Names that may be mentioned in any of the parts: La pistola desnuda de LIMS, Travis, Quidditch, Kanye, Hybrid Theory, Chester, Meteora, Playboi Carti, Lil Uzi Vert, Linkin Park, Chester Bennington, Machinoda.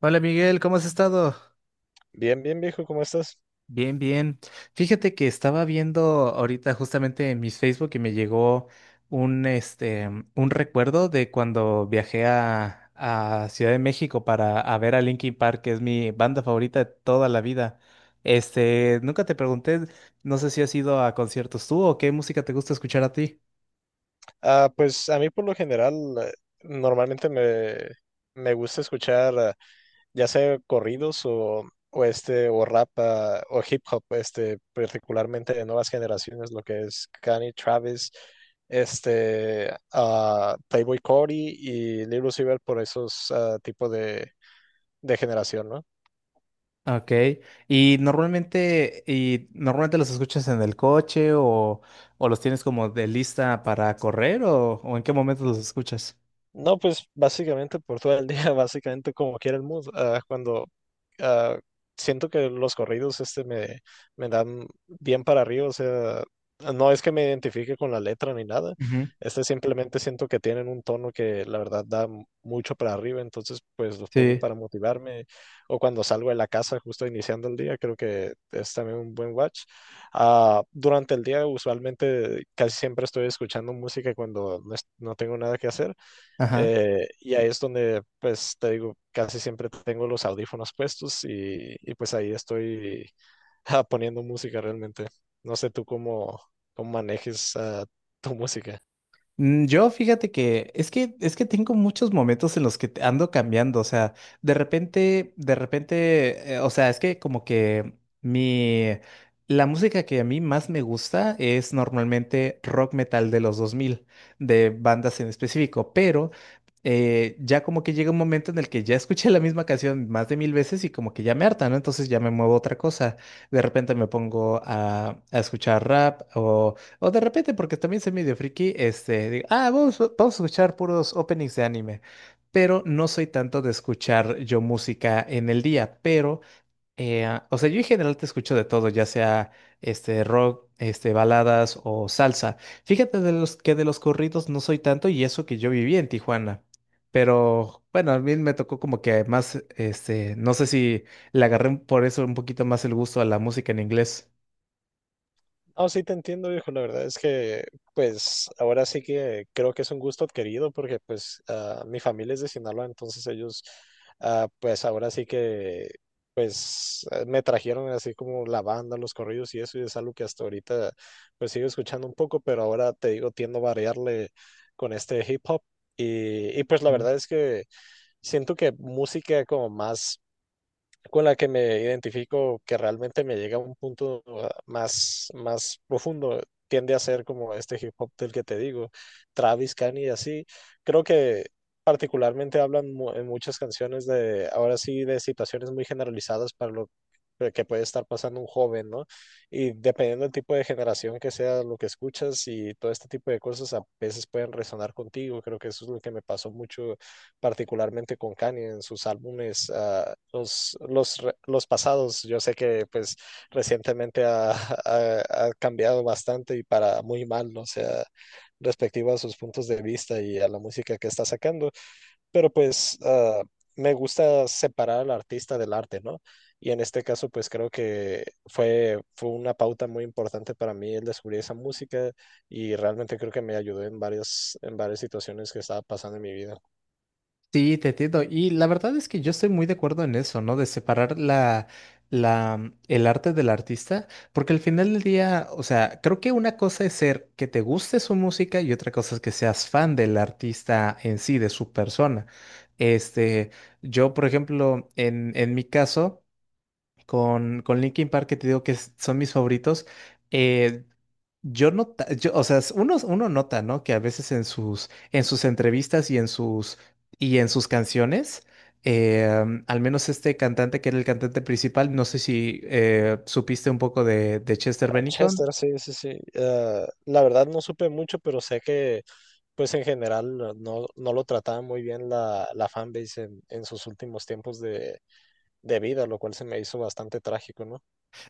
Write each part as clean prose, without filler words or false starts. Hola Miguel, ¿cómo has estado? Bien, bien, viejo, ¿cómo estás? Bien, bien. Fíjate que estaba viendo ahorita justamente en mis Facebook y me llegó un, este, un recuerdo de cuando viajé a Ciudad de México para a ver a Linkin Park, que es mi banda favorita de toda la vida. Nunca te pregunté, no sé si has ido a conciertos tú o qué música te gusta escuchar a ti. Ah, pues a mí por lo general eh, normalmente me gusta escuchar ya sea corridos o o rap o hip hop, este particularmente de nuevas generaciones, lo que es Kanye, Travis, Playboi Carti y Lil Uzi Vert por esos tipos de generación, ¿no? Ok, y normalmente los escuchas en el coche o los tienes como de lista para correr o en qué momento los escuchas? No, pues básicamente por todo el día, básicamente como quiera el mood. Ah, cuando ah, siento que los corridos me dan bien para arriba, o sea, no es que me identifique con la letra ni nada. Ujú. Este, simplemente siento que tienen un tono que la verdad da mucho para arriba, entonces pues los pongo Sí, para motivarme o cuando salgo de la casa justo iniciando el día, creo que es también un buen watch. Ah, durante el día usualmente casi siempre estoy escuchando música cuando no, no tengo nada que hacer. ajá. Y ahí es donde, pues, te digo, casi siempre tengo los audífonos puestos y, pues ahí estoy poniendo música realmente. No sé tú cómo, cómo manejes tu música. Yo fíjate que es que tengo muchos momentos en los que ando cambiando, o sea, de repente, o sea, es que como que mi la música que a mí más me gusta es normalmente rock metal de los 2000 de bandas en específico, pero ya como que llega un momento en el que ya escuché la misma canción más de 1000 veces y como que ya me harta, ¿no? Entonces ya me muevo a otra cosa. De repente me pongo a escuchar rap o de repente, porque también soy medio friki, digo, ah, vamos, vamos a escuchar puros openings de anime. Pero no soy tanto de escuchar yo música en el día, pero, o sea, yo en general te escucho de todo, ya sea rock, baladas o salsa. Fíjate que de los corridos no soy tanto y eso que yo viví en Tijuana. Pero bueno, a mí me tocó como que más, no sé si le agarré por eso un poquito más el gusto a la música en inglés. No, sí te entiendo, viejo. La verdad es que, pues, ahora sí que creo que es un gusto adquirido porque, pues, ah, mi familia es de Sinaloa, entonces ellos, ah, pues, ahora sí que, pues, me trajeron así como la banda, los corridos y eso, y es algo que hasta ahorita, pues, sigo escuchando un poco, pero ahora te digo, tiendo a variarle con este hip hop. Y pues, la verdad es que siento que música como más con la que me identifico, que realmente me llega a un punto más, más profundo, tiende a ser como este hip hop del que te digo, Travis, Kanye así. Creo que particularmente hablan en muchas canciones de, ahora sí, de situaciones muy generalizadas para lo que puede estar pasando un joven, ¿no? Y dependiendo del tipo de generación que sea lo que escuchas y todo este tipo de cosas a veces pueden resonar contigo. Creo que eso es lo que me pasó mucho particularmente con Kanye en sus álbumes, los, los, los pasados. Yo sé que pues recientemente ha cambiado bastante y para muy mal, ¿no? O sea, respectivo a sus puntos de vista y a la música que está sacando, pero pues me gusta separar al artista del arte, ¿no? Y en este caso, pues creo que fue una pauta muy importante para mí el descubrir esa música y realmente creo que me ayudó en varias situaciones que estaba pasando en mi vida. Sí, te entiendo. Y la verdad es que yo estoy muy de acuerdo en eso, ¿no? De separar el arte del artista, porque al final del día, o sea, creo que una cosa es ser que te guste su música y otra cosa es que seas fan del artista en sí, de su persona. Este, yo, por ejemplo, en mi caso. Con Linkin Park, que te digo que son mis favoritos, eh, o sea, uno nota, ¿no? Que a veces en sus entrevistas y y en sus canciones, al menos este cantante que era el cantante principal, no sé si supiste un poco de Chester Bennington. Chester, sí, sí, sí. La verdad no supe mucho, pero sé que pues en general no, no lo trataba muy bien la fanbase en sus últimos tiempos de vida, lo cual se me hizo bastante trágico, ¿no?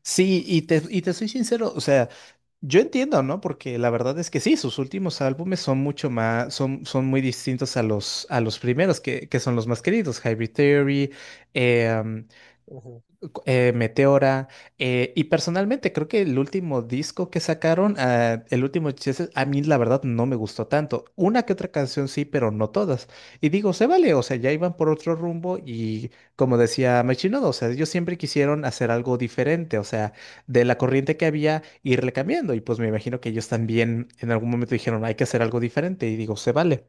Sí, y te soy sincero, o sea, yo entiendo, ¿no? Porque la verdad es que sí, sus últimos álbumes son mucho más, son muy distintos a los primeros, que son los más queridos, Hybrid Theory, em, Ujú. Meteora. Y personalmente creo que el último disco que sacaron, ah, el último Chises, a mí la verdad no me gustó tanto. Una que otra canción sí, pero no todas. Y digo, se vale, o sea, ya iban por otro rumbo y como decía Machinoda, o sea, ellos siempre quisieron hacer algo diferente, o sea, de la corriente que había, irle cambiando. Y pues me imagino que ellos también en algún momento dijeron, hay que hacer algo diferente. Y digo, se vale.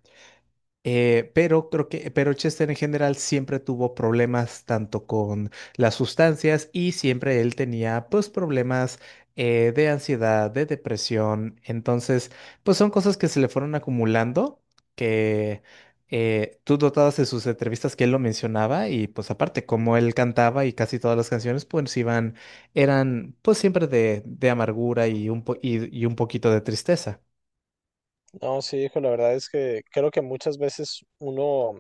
Pero Chester en general siempre tuvo problemas tanto con las sustancias y siempre él tenía pues problemas de ansiedad, de depresión. Entonces, pues son cosas que se le fueron acumulando, que tú notabas en sus entrevistas que él lo mencionaba y pues aparte como él cantaba y casi todas las canciones pues iban, eran pues siempre de amargura y un poquito de tristeza. No, sí, hijo, la verdad es que creo que muchas veces uno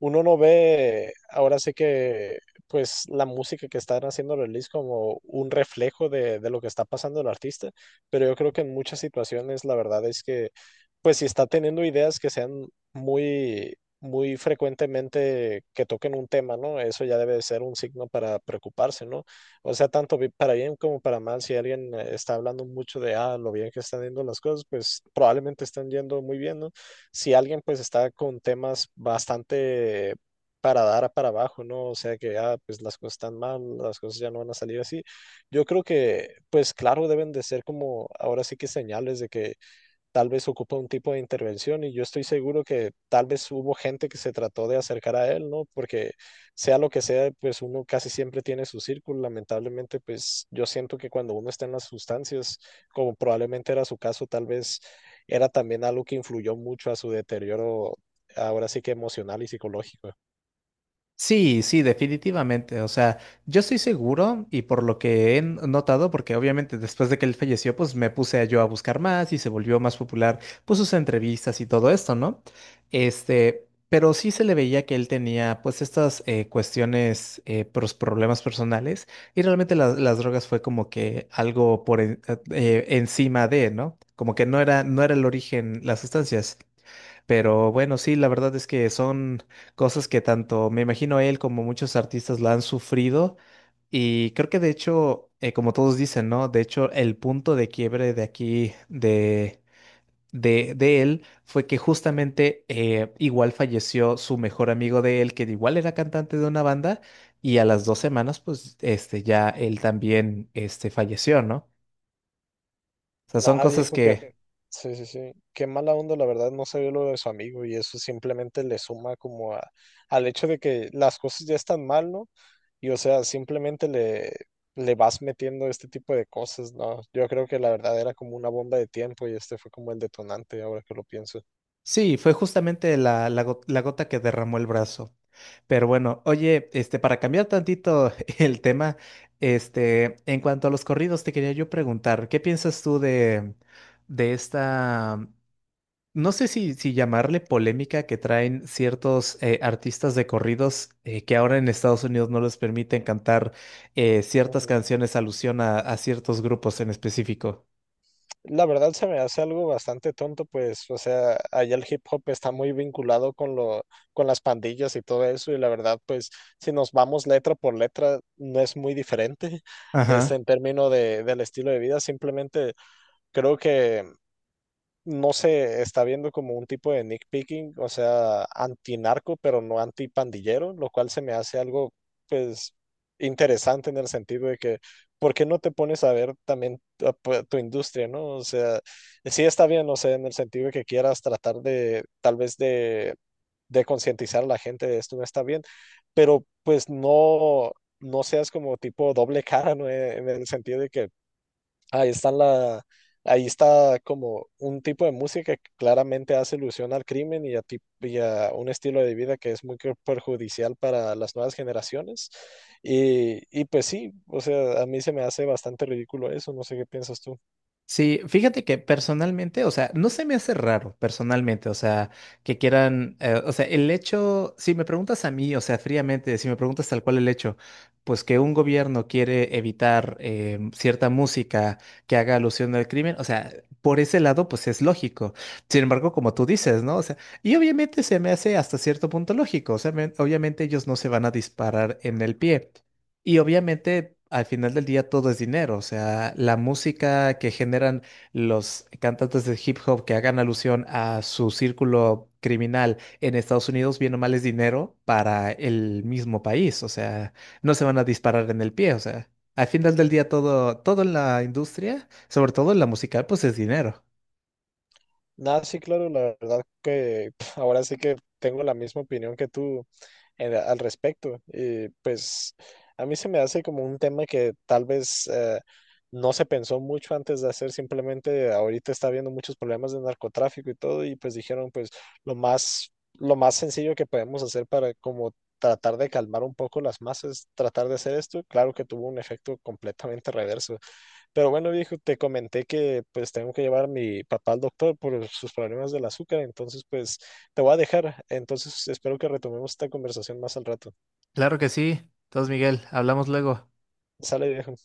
uno no ve, ahora sí que, pues la música que están haciendo el release como un reflejo de lo que está pasando el artista, pero yo creo que en muchas situaciones la verdad es que, pues si está teniendo ideas que sean muy, muy frecuentemente que toquen un tema, ¿no? Eso ya debe de ser un signo para preocuparse, ¿no? O sea, tanto para bien como para mal, si alguien está hablando mucho de, ah, lo bien que están yendo las cosas, pues probablemente están yendo muy bien, ¿no? Si alguien pues está con temas bastante para dar a para abajo, ¿no? O sea que ya pues las cosas están mal, las cosas ya no van a salir así. Yo creo que pues claro deben de ser como ahora sí que señales de que tal vez ocupa un tipo de intervención y yo estoy seguro que tal vez hubo gente que se trató de acercar a él, ¿no? Porque sea lo que sea, pues uno casi siempre tiene su círculo. Lamentablemente, pues yo siento que cuando uno está en las sustancias, como probablemente era su caso, tal vez era también algo que influyó mucho a su deterioro, ahora sí que emocional y psicológico. Sí, sí, definitivamente. O sea, yo estoy seguro y por lo que he notado, porque obviamente después de que él falleció, pues me puse a yo a buscar más y se volvió más popular, pues sus entrevistas y todo esto, ¿no? Pero sí se le veía que él tenía pues estas cuestiones, problemas personales y realmente las drogas fue como que algo por encima de, ¿no? Como que no era el origen las sustancias. Pero bueno, sí, la verdad es que son cosas que tanto me imagino él como muchos artistas la han sufrido y creo que de hecho, como todos dicen, ¿no? De hecho, el punto de quiebre de aquí, de él, fue que justamente igual falleció su mejor amigo de él, que igual era cantante de una banda y a las 2 semanas, pues, ya él también, falleció, ¿no? O sea, son Nada, cosas viejo, que que. sí, sí, sí. Qué mala onda, la verdad, no sabía lo de su amigo y eso simplemente le suma como al hecho de que las cosas ya están mal, ¿no? Y o sea, le vas metiendo este tipo de cosas, ¿no? Yo creo que la verdad era como una bomba de tiempo y este fue como el detonante, ahora que lo pienso. Sí, fue justamente la gota que derramó el brazo. Pero bueno, oye, para cambiar tantito el tema, en cuanto a los corridos, te quería yo preguntar, ¿qué piensas tú de esta, no sé si llamarle polémica que traen ciertos artistas de corridos que ahora en Estados Unidos no les permiten cantar ciertas canciones alusión a, ciertos grupos en específico? La verdad se me hace algo bastante tonto, pues, o sea, allá el hip hop está muy vinculado con lo, con las pandillas y todo eso, y la verdad, pues, si nos vamos letra por letra, no es muy diferente, es en términos de, del estilo de vida, simplemente creo que no se está viendo como un tipo de nitpicking, o sea, antinarco, pero no antipandillero, lo cual se me hace algo, pues, interesante en el sentido de que, ¿por qué no te pones a ver también tu, tu industria, ¿no? O sea, sí está bien, o sea, en el sentido de que quieras tratar de, tal vez de concientizar a la gente de esto no está bien, pero pues no, no seas como tipo doble cara, ¿no? En el sentido de que ahí están la, ahí está como un tipo de música que claramente hace ilusión al crimen y a, y a un estilo de vida que es muy perjudicial para las nuevas generaciones. Y pues sí, o sea, a mí se me hace bastante ridículo eso, no sé qué piensas tú. Sí, fíjate que personalmente, o sea, no se me hace raro personalmente, o sea, que quieran, o sea, el hecho, si me preguntas a mí, o sea, fríamente, si me preguntas tal cual el hecho, pues que un gobierno quiere evitar cierta música que haga alusión al crimen, o sea, por ese lado, pues es lógico. Sin embargo, como tú dices, ¿no? O sea, y obviamente se me hace hasta cierto punto lógico, o sea, obviamente ellos no se van a disparar en el pie. Y obviamente al final del día todo es dinero, o sea, la música que generan los cantantes de hip hop que hagan alusión a su círculo criminal en Estados Unidos, bien o mal es dinero para el mismo país, o sea, no se van a disparar en el pie, o sea, al final del día todo en la industria, sobre todo en la musical, pues es dinero. Nada, sí, claro, la verdad que ahora sí que tengo la misma opinión que tú e, al respecto. Y pues a mí se me hace como un tema que tal vez no se pensó mucho antes de hacer, simplemente ahorita está habiendo muchos problemas de narcotráfico y todo, y pues dijeron pues lo más sencillo que podemos hacer para como tratar de calmar un poco las masas, tratar de hacer esto, claro que tuvo un efecto completamente reverso. Pero bueno, viejo, te comenté que pues tengo que llevar a mi papá al doctor por sus problemas del azúcar, entonces pues te voy a dejar. Entonces espero que retomemos esta conversación más al rato. Claro que sí. Entonces, Miguel, hablamos luego. Sale, viejo.